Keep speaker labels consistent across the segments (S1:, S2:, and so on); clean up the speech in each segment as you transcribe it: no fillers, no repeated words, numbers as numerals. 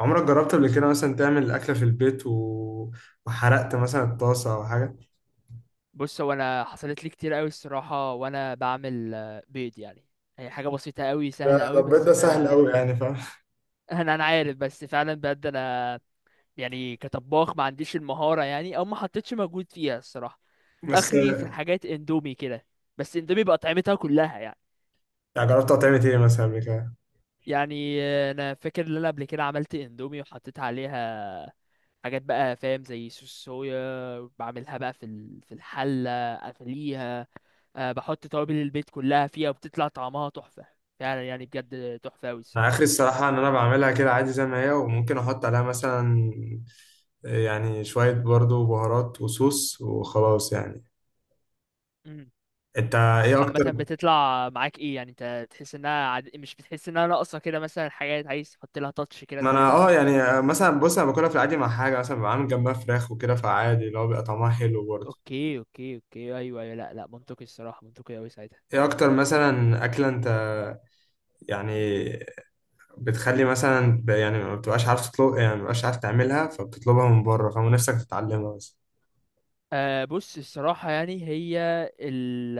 S1: عمرك جربت قبل كده مثلا تعمل أكلة في البيت وحرقت مثلا الطاسة أو حاجة؟
S2: بص هو انا حصلت لي كتير قوي الصراحه، وانا بعمل بيض يعني. هي حاجه بسيطه قوي
S1: ده
S2: سهله
S1: ده
S2: قوي،
S1: البيض
S2: بس
S1: ده سهل
S2: انا
S1: قوي يعني فاهم.
S2: انا عارف، بس فعلا بجد انا. يعني كطباخ ما عنديش المهاره، يعني او ما حطيتش مجهود فيها الصراحه.
S1: بس
S2: اخري في الحاجات اندومي كده. بس اندومي بقى طعمتها كلها يعني.
S1: يعني جربت تعمل إيه مثلا قبل كده؟
S2: يعني انا فاكر ان انا قبل كده عملت اندومي وحطيت عليها حاجات بقى فاهم، زي صوص صويا، بعملها بقى في الحله، اغليها. بحط توابل البيت كلها فيها، وبتطلع طعمها تحفة. فعلا يعني بجد تحفة أوي
S1: أنا
S2: الصراحة.
S1: آخري الصراحة إن أنا بعملها كده عادي زي ما هي، وممكن أحط عليها مثلا يعني شوية برضو بهارات وصوص وخلاص يعني.
S2: مم.
S1: أنت
S2: بس
S1: إيه
S2: عامة
S1: أكتر؟
S2: بتطلع معاك ايه؟ يعني انت تحس انها مش بتحس انها ناقصة كده، مثلا حاجات عايز تحط لها تاتش كده
S1: ما أنا
S2: زيادة.
S1: أه يعني مثلا بص أنا باكلها في العادي مع حاجة، مثلا بعمل جنبها فراخ وكده، فعادي اللي هو بيبقى طعمها حلو برضه.
S2: اوكي، اوكي، اوكي، ايوه، ايوه، لا، لا، منطقي الصراحة، منطقي أوي ساعتها.
S1: إيه أكتر مثلا أكلة أنت يعني بتخلي مثلا يعني ما بتبقاش عارف تطلب، يعني ما بتبقاش عارف تعملها فبتطلبها من بره فنفسك تتعلمها بس.
S2: أه بص الصراحة يعني هي ال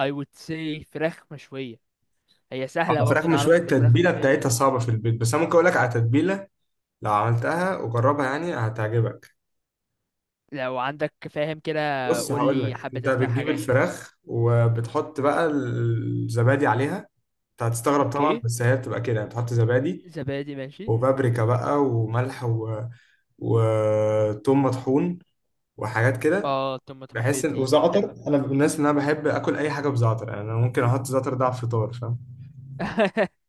S2: I would say فراخ مشوية. هي سهلة
S1: اه، فراخ
S2: برضو،
S1: مشوية
S2: نعرف ان الفراخ
S1: التتبيلة
S2: المشوية دي.
S1: بتاعتها صعبة في البيت، بس انا ممكن اقول لك على تتبيلة لو عملتها وجربها يعني هتعجبك.
S2: لو عندك فاهم كده،
S1: بص هقول
S2: قولي
S1: لك،
S2: حبة
S1: انت
S2: اسماء
S1: بتجيب
S2: حاجات.
S1: الفراخ وبتحط بقى الزبادي عليها. انت هتستغرب طبعا،
S2: اوكي،
S1: بس هي بتبقى كده يعني، بتحط زبادي
S2: زبادي ماشي.
S1: وبابريكا بقى وملح وثوم مطحون وحاجات كده.
S2: اه، توم مدحون
S1: بحس ان
S2: بيدي طعم حلو.
S1: وزعتر، انا من الناس اللي انا بحب اكل اي حاجه بزعتر، يعني انا ممكن احط زعتر ده على الفطار فاهم.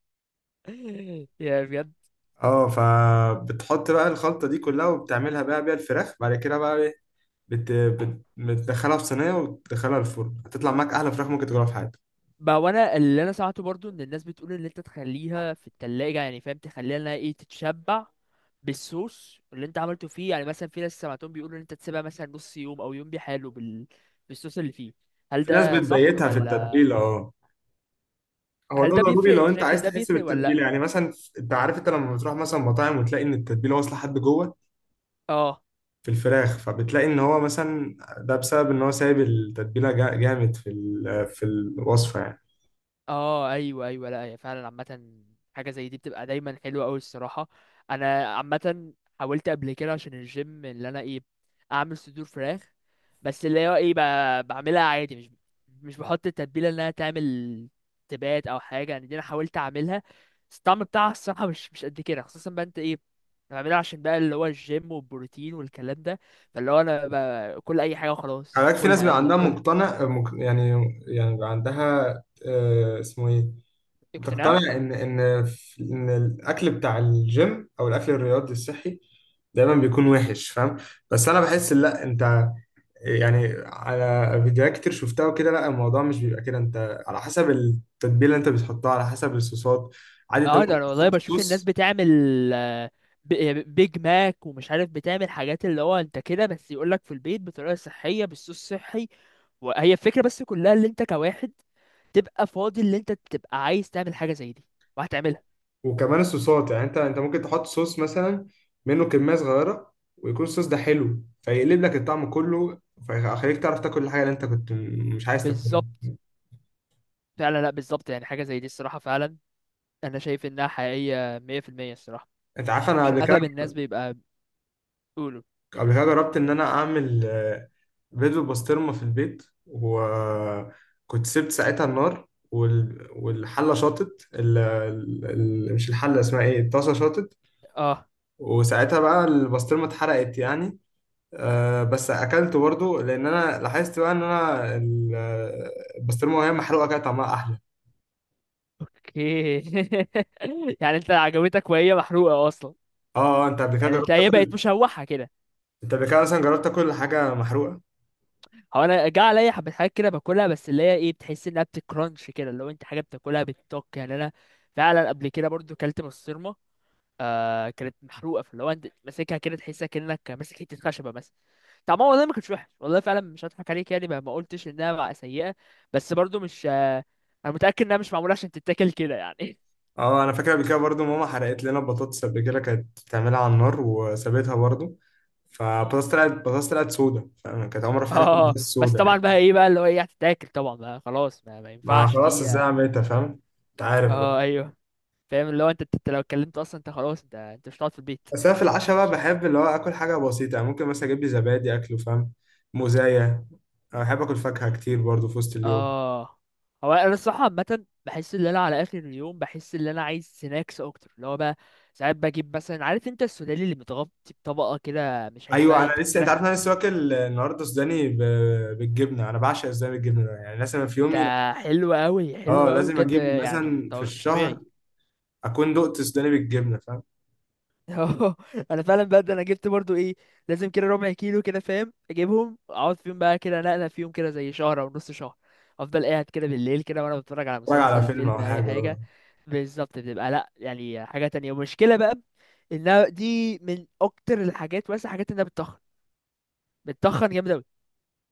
S2: يا بجد.
S1: اه، فبتحط بقى الخلطه دي كلها وبتعملها بقى بيها الفراخ. بعد كده بقى ايه، بتدخلها في صينيه وتدخلها الفرن، هتطلع معاك احلى فراخ ممكن تاكلها في حياتك.
S2: ما وانا اللي انا سمعته برضو ان الناس بتقول ان انت تخليها في التلاجة، يعني فاهم، تخليها انها ايه، تتشبع بالصوص اللي انت عملته فيه. يعني مثلا في ناس سمعتهم بيقولوا ان انت تسيبها مثلا نص يوم او يوم بحاله بالصوص اللي فيه. هل
S1: في ناس
S2: ده صح
S1: بتبيتها في
S2: ولا؟
S1: التتبيله، اه. هو
S2: هل
S1: ده
S2: ده
S1: ضروري
S2: بيفرق؟
S1: لو
S2: انت
S1: انت
S2: شايف ان
S1: عايز
S2: ده
S1: تحس
S2: بيفرق ولا
S1: بالتتبيله
S2: لأ؟
S1: يعني مثلا. انت عارف انت لما بتروح مثلا مطاعم وتلاقي ان التتبيله واصله لحد جوه
S2: اه،
S1: في الفراخ، فبتلاقي ان هو مثلا ده بسبب ان هو سايب التتبيله جامد في في الوصفه يعني.
S2: اه، ايوه، ايوه، لا هي فعلا عامه. حاجه زي دي بتبقى دايما حلوه قوي الصراحه. انا عامه حاولت قبل كده عشان الجيم، اللي انا ايه، اعمل صدور فراخ. بس اللي هو ايه، بعملها عادي، مش بحط التتبيله انها تعمل تبات او حاجه. يعني دي انا حاولت اعملها، بس الطعم بتاعها الصراحه مش قد كده، خصوصا بقى انت ايه. انا بعملها عشان بقى اللي هو الجيم والبروتين والكلام ده. فاللي هو انا كل اي حاجه
S1: خلي
S2: وخلاص،
S1: بالك في ناس
S2: كلها
S1: بيبقى
S2: يلا
S1: عندها
S2: كلها.
S1: مقتنع يعني، يعني بيبقى عندها اسمه ايه،
S2: اقتناع.
S1: بتقتنع ان ان ان الاكل بتاع الجيم او الاكل الرياضي الصحي دايما بيكون وحش فاهم. بس انا بحس لا، انت يعني على فيديوهات كتير شفتها وكده، لا الموضوع مش بيبقى كده، انت على حسب التتبيله اللي انت بتحطها، على حسب الصوصات. عادي انت
S2: اه، ده
S1: ممكن
S2: انا والله
S1: تحط
S2: بشوف الناس
S1: صوص.
S2: بتعمل آه، بيج ماك ومش عارف، بتعمل حاجات اللي هو انت كده، بس يقولك في البيت بطريقة صحية بالصوص الصحي. وهي الفكرة بس كلها، اللي انت كواحد تبقى فاضي، اللي انت تبقى عايز تعمل حاجة زي دي وهتعملها.
S1: وكمان الصوصات يعني، انت ممكن تحط صوص مثلا منه كميه صغيره ويكون الصوص ده حلو فيقلب لك الطعم كله، فيخليك تعرف تاكل الحاجه اللي انت كنت مش عايز تاكلها.
S2: بالظبط، فعلا، لا بالظبط. يعني حاجة زي دي الصراحة فعلا، انا شايف انها حقيقية 100% الصراحة.
S1: انت عارف انا
S2: عشان اغلب الناس بيبقى بيقولوا
S1: قبل كده جربت ان انا اعمل بيض بالبسطرمه في البيت، وكنت سبت ساعتها النار والحله شاطت، مش الحله، اسمها ايه، الطاسه شاطت،
S2: اه.
S1: وساعتها بقى البسطرمه اتحرقت يعني. أه، بس اكلته برضه، لان انا لاحظت بقى ان انا البسطرمه وهي محروقه كده طعمها احلى.
S2: اوكي. يعني انت عجبتك وهي محروقة اصلا؟
S1: اه. انت قبل كده
S2: يعني انت
S1: جربت
S2: هي بقت
S1: تاكل،
S2: مشوحة كده.
S1: انت قبل كده مثلا جربت تاكل حاجه محروقه.
S2: هو انا جه عليا حبه حاجات كده باكلها، بس اللي هي ايه بتحس انها بتكرانش كده، لو انت حاجه بتاكلها بتطق، يعني انا فعلا قبل كده برضو كلت بسطرمه كانت محروقه. فاللي هو انت ماسكها كده تحسها كانك ماسك حته خشبه مثلا. طعمها والله ما كانش وحش والله، فعلا مش هضحك عليك، يعني ما قلتش انها بقى سيئه. بس برضو مش انا متاكد انها مش معموله عشان تتاكل كده يعني.
S1: اه، انا فاكر قبل كده برضه ماما حرقت لنا بطاطس قبل كده، كانت بتعملها على النار وسابتها برضه، فبطاطس طلعت بطاطس طلعت سودا فاهم، كانت عمرها في حياتها كانت
S2: اه،
S1: بطاطس
S2: بس
S1: سودا
S2: طبعا
S1: يعني.
S2: بقى ايه بقى، اللي هو ايه، هتتاكل طبعا بقى خلاص. ما
S1: ما
S2: ينفعش
S1: خلاص
S2: دي،
S1: ازاي
S2: اه.
S1: عملتها فاهم، انت عارف بقى.
S2: ايوه، فاهم اللي هو انت لو اتكلمت اصلا انت خلاص، انت مش هتقعد في البيت.
S1: بس انا في العشاء بقى بحب اللي هو اكل حاجه بسيطه، يعني ممكن مثلا اجيب لي زبادي اكله فاهم، موزايه. أنا بحب اكل فاكهه كتير برضو في وسط اليوم.
S2: اه، هو انا الصراحه عامه بحس ان انا على اخر اليوم، بحس ان انا عايز سناكس اكتر. اللي هو بقى ساعات بجيب مثلا، عارف انت السوداني اللي متغطي بطبقه كده، مش عارف
S1: ايوه
S2: بقى
S1: انا
S2: يتحط
S1: لسه، انت
S2: لك
S1: عارف إن انا لسه واكل النهارده سوداني بالجبنه. انا بعشق السوداني بالجبنه ده، يعني مثلا في
S2: ده
S1: يومي،
S2: حلو قوي، حلو
S1: اه،
S2: قوي
S1: لازم
S2: بجد،
S1: اجيب
S2: يعني
S1: مثلا في
S2: مش
S1: الشهر
S2: طبيعي.
S1: اكون دقت سوداني بالجبنه فاهم.
S2: اه، انا فعلا بجد انا جبت برضو ايه، لازم كده ربع كيلو كده فاهم، اجيبهم اقعد فيهم بقى كده نقله فيهم كده، زي شهر او نص شهر. افضل قاعد كده بالليل كده وانا بتفرج على
S1: اتفرج على
S2: مسلسل،
S1: فيلم او
S2: فيلم، اي
S1: حاجه
S2: حاجه.
S1: اه.
S2: بالظبط، بتبقى لا يعني حاجة تانية. ومشكلة بقى انها دي من اكتر الحاجات، مثلا حاجات انها بتتخن، بتتخن جامد اوي.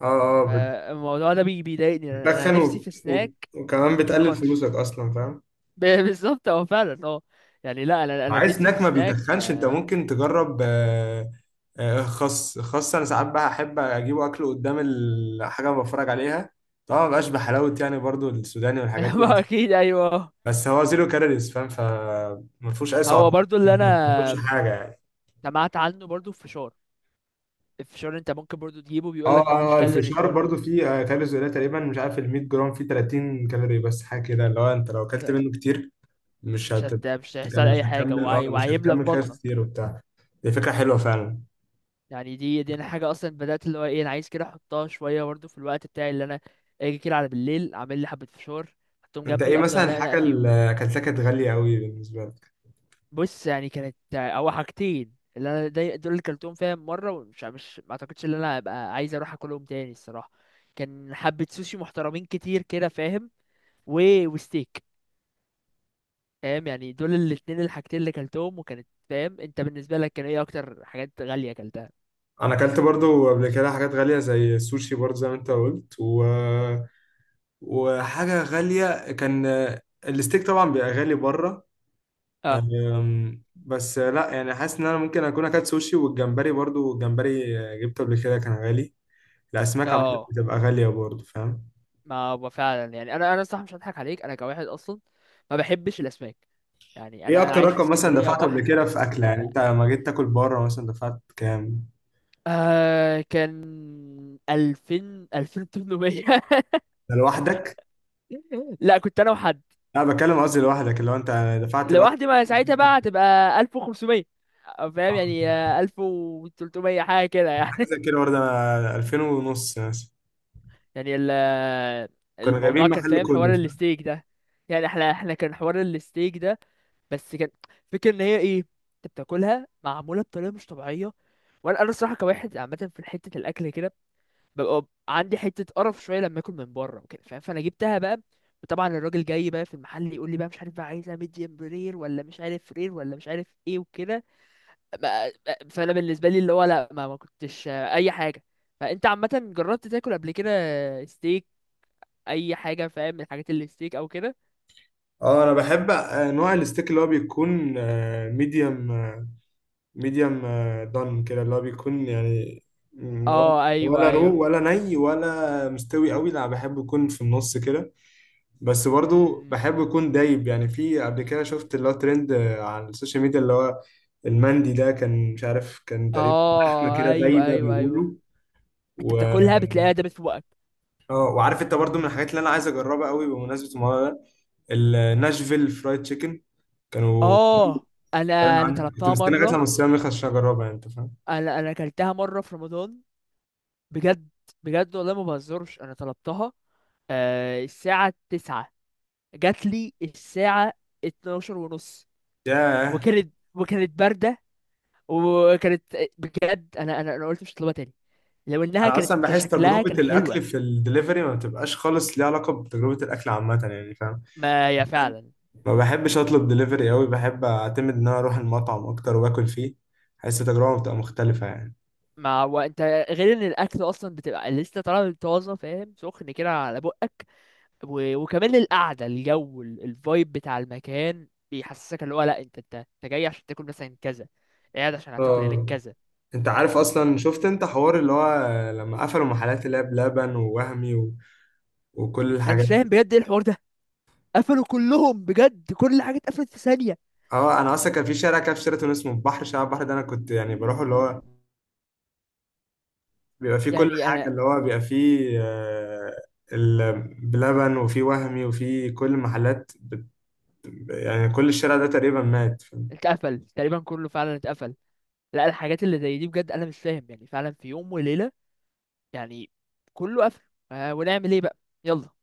S1: اه، اه،
S2: فالموضوع ده بيضايقني، انا
S1: بتتخن
S2: نفسي في سناك
S1: وكمان بتقلل
S2: متتخنش.
S1: فلوسك اصلا فاهم.
S2: بالظبط، اه فعلا، اه. يعني لا، انا
S1: عايز
S2: نفسي في
S1: سناك ما
S2: سناك
S1: بيتخنش، انت
S2: آه،
S1: ممكن تجرب خس. انا ساعات بقى احب اجيبه اكله قدام الحاجه اللي بتفرج عليها. طبعا ما بقاش بحلاوه
S2: مم.
S1: يعني برضو السوداني والحاجات دي،
S2: ما
S1: بس
S2: اكيد، ايوه.
S1: بس هو زيرو كالوريز فاهم، فما فيهوش اي
S2: هو
S1: سعرات.
S2: برضو اللي
S1: انت
S2: انا
S1: ما بتاكلش حاجه يعني.
S2: سمعت عنه برضو في فشار. الفشار انت ممكن برضو تجيبه، بيقول لك
S1: اه
S2: ما فيهوش
S1: اه،
S2: كالوريز
S1: الفشار
S2: برضو.
S1: برضو فيه كالوريز قليله تقريبا، مش عارف، ال 100 جرام فيه 30 كالوري بس حاجه كده، اللي هو انت لو اكلت
S2: لا،
S1: منه كتير مش هت-
S2: مش هيحصل
S1: مش
S2: اي حاجه،
S1: هتكمل اه، مش
S2: وهيملى في
S1: هتكمل كده
S2: بطنك.
S1: كتير وبتاع. دي فكره حلوه فعلا.
S2: يعني دي انا حاجه اصلا بدات، اللي هو ايه، انا عايز كده احطها شويه برضه في الوقت بتاعي. اللي انا اجي كده على بالليل اعمل لي حبه فشار، احطهم
S1: انت ايه
S2: جنبي، افضل
S1: مثلا
S2: انقنق
S1: الحاجه
S2: فيهم.
S1: اللي اكلتها كانت غاليه قوي بالنسبه لك؟
S2: بص يعني كانت او حاجتين، اللي انا دول اللي كلتهم فيها مره، ومش مش ما اعتقدش ان انا ابقى عايز اروح اكلهم تاني الصراحه. كان حبه سوشي محترمين كتير كده فاهم، وستيك. فاهم يعني، دول الاتنين الحاجتين اللي كلتهم. وكانت فاهم، انت بالنسبه لك كان ايه اكتر حاجات غاليه كلتها؟
S1: انا اكلت برضو قبل كده حاجات غاليه زي السوشي، برضو زي ما انت قلت، وحاجه غاليه كان الستيك طبعا بيبقى غالي بره.
S2: اه،
S1: بس لا يعني، حاسس ان انا ممكن اكون اكلت سوشي والجمبري، برضو الجمبري جبته قبل كده كان غالي. الاسماك عامه
S2: اه.
S1: بتبقى غاليه برضو فاهم.
S2: ما هو فعلا، يعني انا صح مش هضحك عليك، انا كواحد اصلا ما بحبش الاسماك. يعني
S1: ايه
S2: انا
S1: اكتر
S2: عايش في
S1: رقم مثلا
S2: اسكندريه
S1: دفعته قبل
S2: بحر،
S1: كده في
S2: بس
S1: اكله، يعني
S2: لا.
S1: انت لما جيت تاكل بره مثلا دفعت كام؟
S2: كان 2000، 2800.
S1: ده لوحدك؟
S2: لا، كنت انا وحد.
S1: لا بتكلم قصدي لوحدك اللي هو انت دفعت لوحدك.
S2: لوحدي ما ساعتها بقى هتبقى 1500، فاهم يعني 1300 حاجه كده
S1: حاجه
S2: يعني.
S1: زي كده برضه، انا 2000 ونص مثلا،
S2: يعني
S1: كنا
S2: الموضوع
S1: جايبين
S2: كان
S1: محل
S2: فاهم
S1: كله
S2: حوار
S1: فاهم؟
S2: الستيك ده. يعني احنا كان حوار الستيك ده، بس كان فكرة ان هي ايه، انت بتاكلها معمولة بطريقة مش طبيعية. وانا الصراحة كواحد عامة في حتة الاكل كده ببقى عندي حتة قرف شوية لما اكل من بره وكده فاهم، فانا جبتها بقى. وطبعا الراجل جاي بقى في المحل يقول لي بقى، مش عارف بقى عايزها ميديم رير، ولا مش عارف رير، ولا مش عارف ايه وكده. ما- فانا بالنسبة لي اللي هو لا، ما كنتش اي حاجة. فانت عامة جربت تاكل قبل كده اي حاجه فاهم من الحاجات اللي ستيك او كده؟
S1: اه انا بحب نوع الستيك اللي هو بيكون ميديوم، ميديوم دان كده اللي هو بيكون يعني، ولا،
S2: اه، ايوه،
S1: ولا
S2: ايوه،
S1: رو ولا ني ولا مستوي قوي، لا بحب يكون في النص كده. بس برضو
S2: امم
S1: بحب يكون دايب. يعني في قبل كده شفت اللي هو ترند على السوشيال ميديا اللي هو المندي ده، كان مش عارف، كان تقريبا لحمه
S2: اه،
S1: كده
S2: ايوه،
S1: دايبه
S2: ايوه، ايوه.
S1: بيقولوا.
S2: انت
S1: و
S2: بتاكلها بتلاقيها دابت في بقك.
S1: اه، وعارف انت برضو من الحاجات اللي انا عايز اجربها قوي بمناسبه الموضوع ده، الناشفيل فرايد تشيكن، كانوا
S2: اه، انا
S1: بيتكلموا
S2: انا
S1: عنها. كنت
S2: طلبتها
S1: مستني لغايه
S2: مره.
S1: لما الصيام يخلص عشان اجربها يعني، انت فاهم.
S2: انا اكلتها مره في رمضان. بجد، بجد والله ما بهزرش، انا طلبتها. الساعه 9، جات لي الساعه 12 ونص.
S1: ياه.
S2: وكانت بارده. وكانت، بجد انا قلت مش هطلبها تاني. لو انها
S1: انا
S2: كانت
S1: اصلا بحس
S2: كشكلها
S1: تجربه
S2: كان حلوه.
S1: الاكل في الدليفري ما بتبقاش خالص ليها علاقه بتجربه الاكل عامه يعني فاهم.
S2: ما هي فعلا.
S1: ما بحبش اطلب دليفري قوي، بحب اعتمد ان انا اروح المطعم اكتر واكل فيه، حاسس التجربه بتبقى مختلفه يعني.
S2: ما هو انت، غير ان الاكل اصلا بتبقى لسه طالع من طازه فاهم، سخن كده على بقك. وكمان القعده، الجو، الفايب بتاع المكان بيحسسك اللي هو لا، انت جاي عشان تاكل مثلا كذا، قاعد عشان هتاكل هناك
S1: اه.
S2: كذا.
S1: انت عارف اصلا شفت انت حوار اللي هو لما قفلوا محلات اللي هي بلبن ووهمي وكل
S2: انا مش
S1: الحاجات؟
S2: فاهم بجد ايه الحوار ده. قفلوا كلهم بجد؟ كل حاجه اتقفلت في ثانيه؟
S1: اه، انا اصلا كان في شارع كده في شيراتون اسمه البحر، شارع البحر ده انا كنت يعني بروح اللي هو بيبقى فيه كل
S2: يعني
S1: حاجه،
S2: انا،
S1: اللي هو بيبقى فيه بلبن وفيه وهمي وفيه كل المحلات يعني كل الشارع ده تقريبا مات
S2: اتقفل تقريبا كله، فعلا اتقفل. لا الحاجات اللي زي دي بجد، انا مش فاهم، يعني فعلا في يوم وليله يعني كله قفل. ونعمل ايه بقى؟ يلا.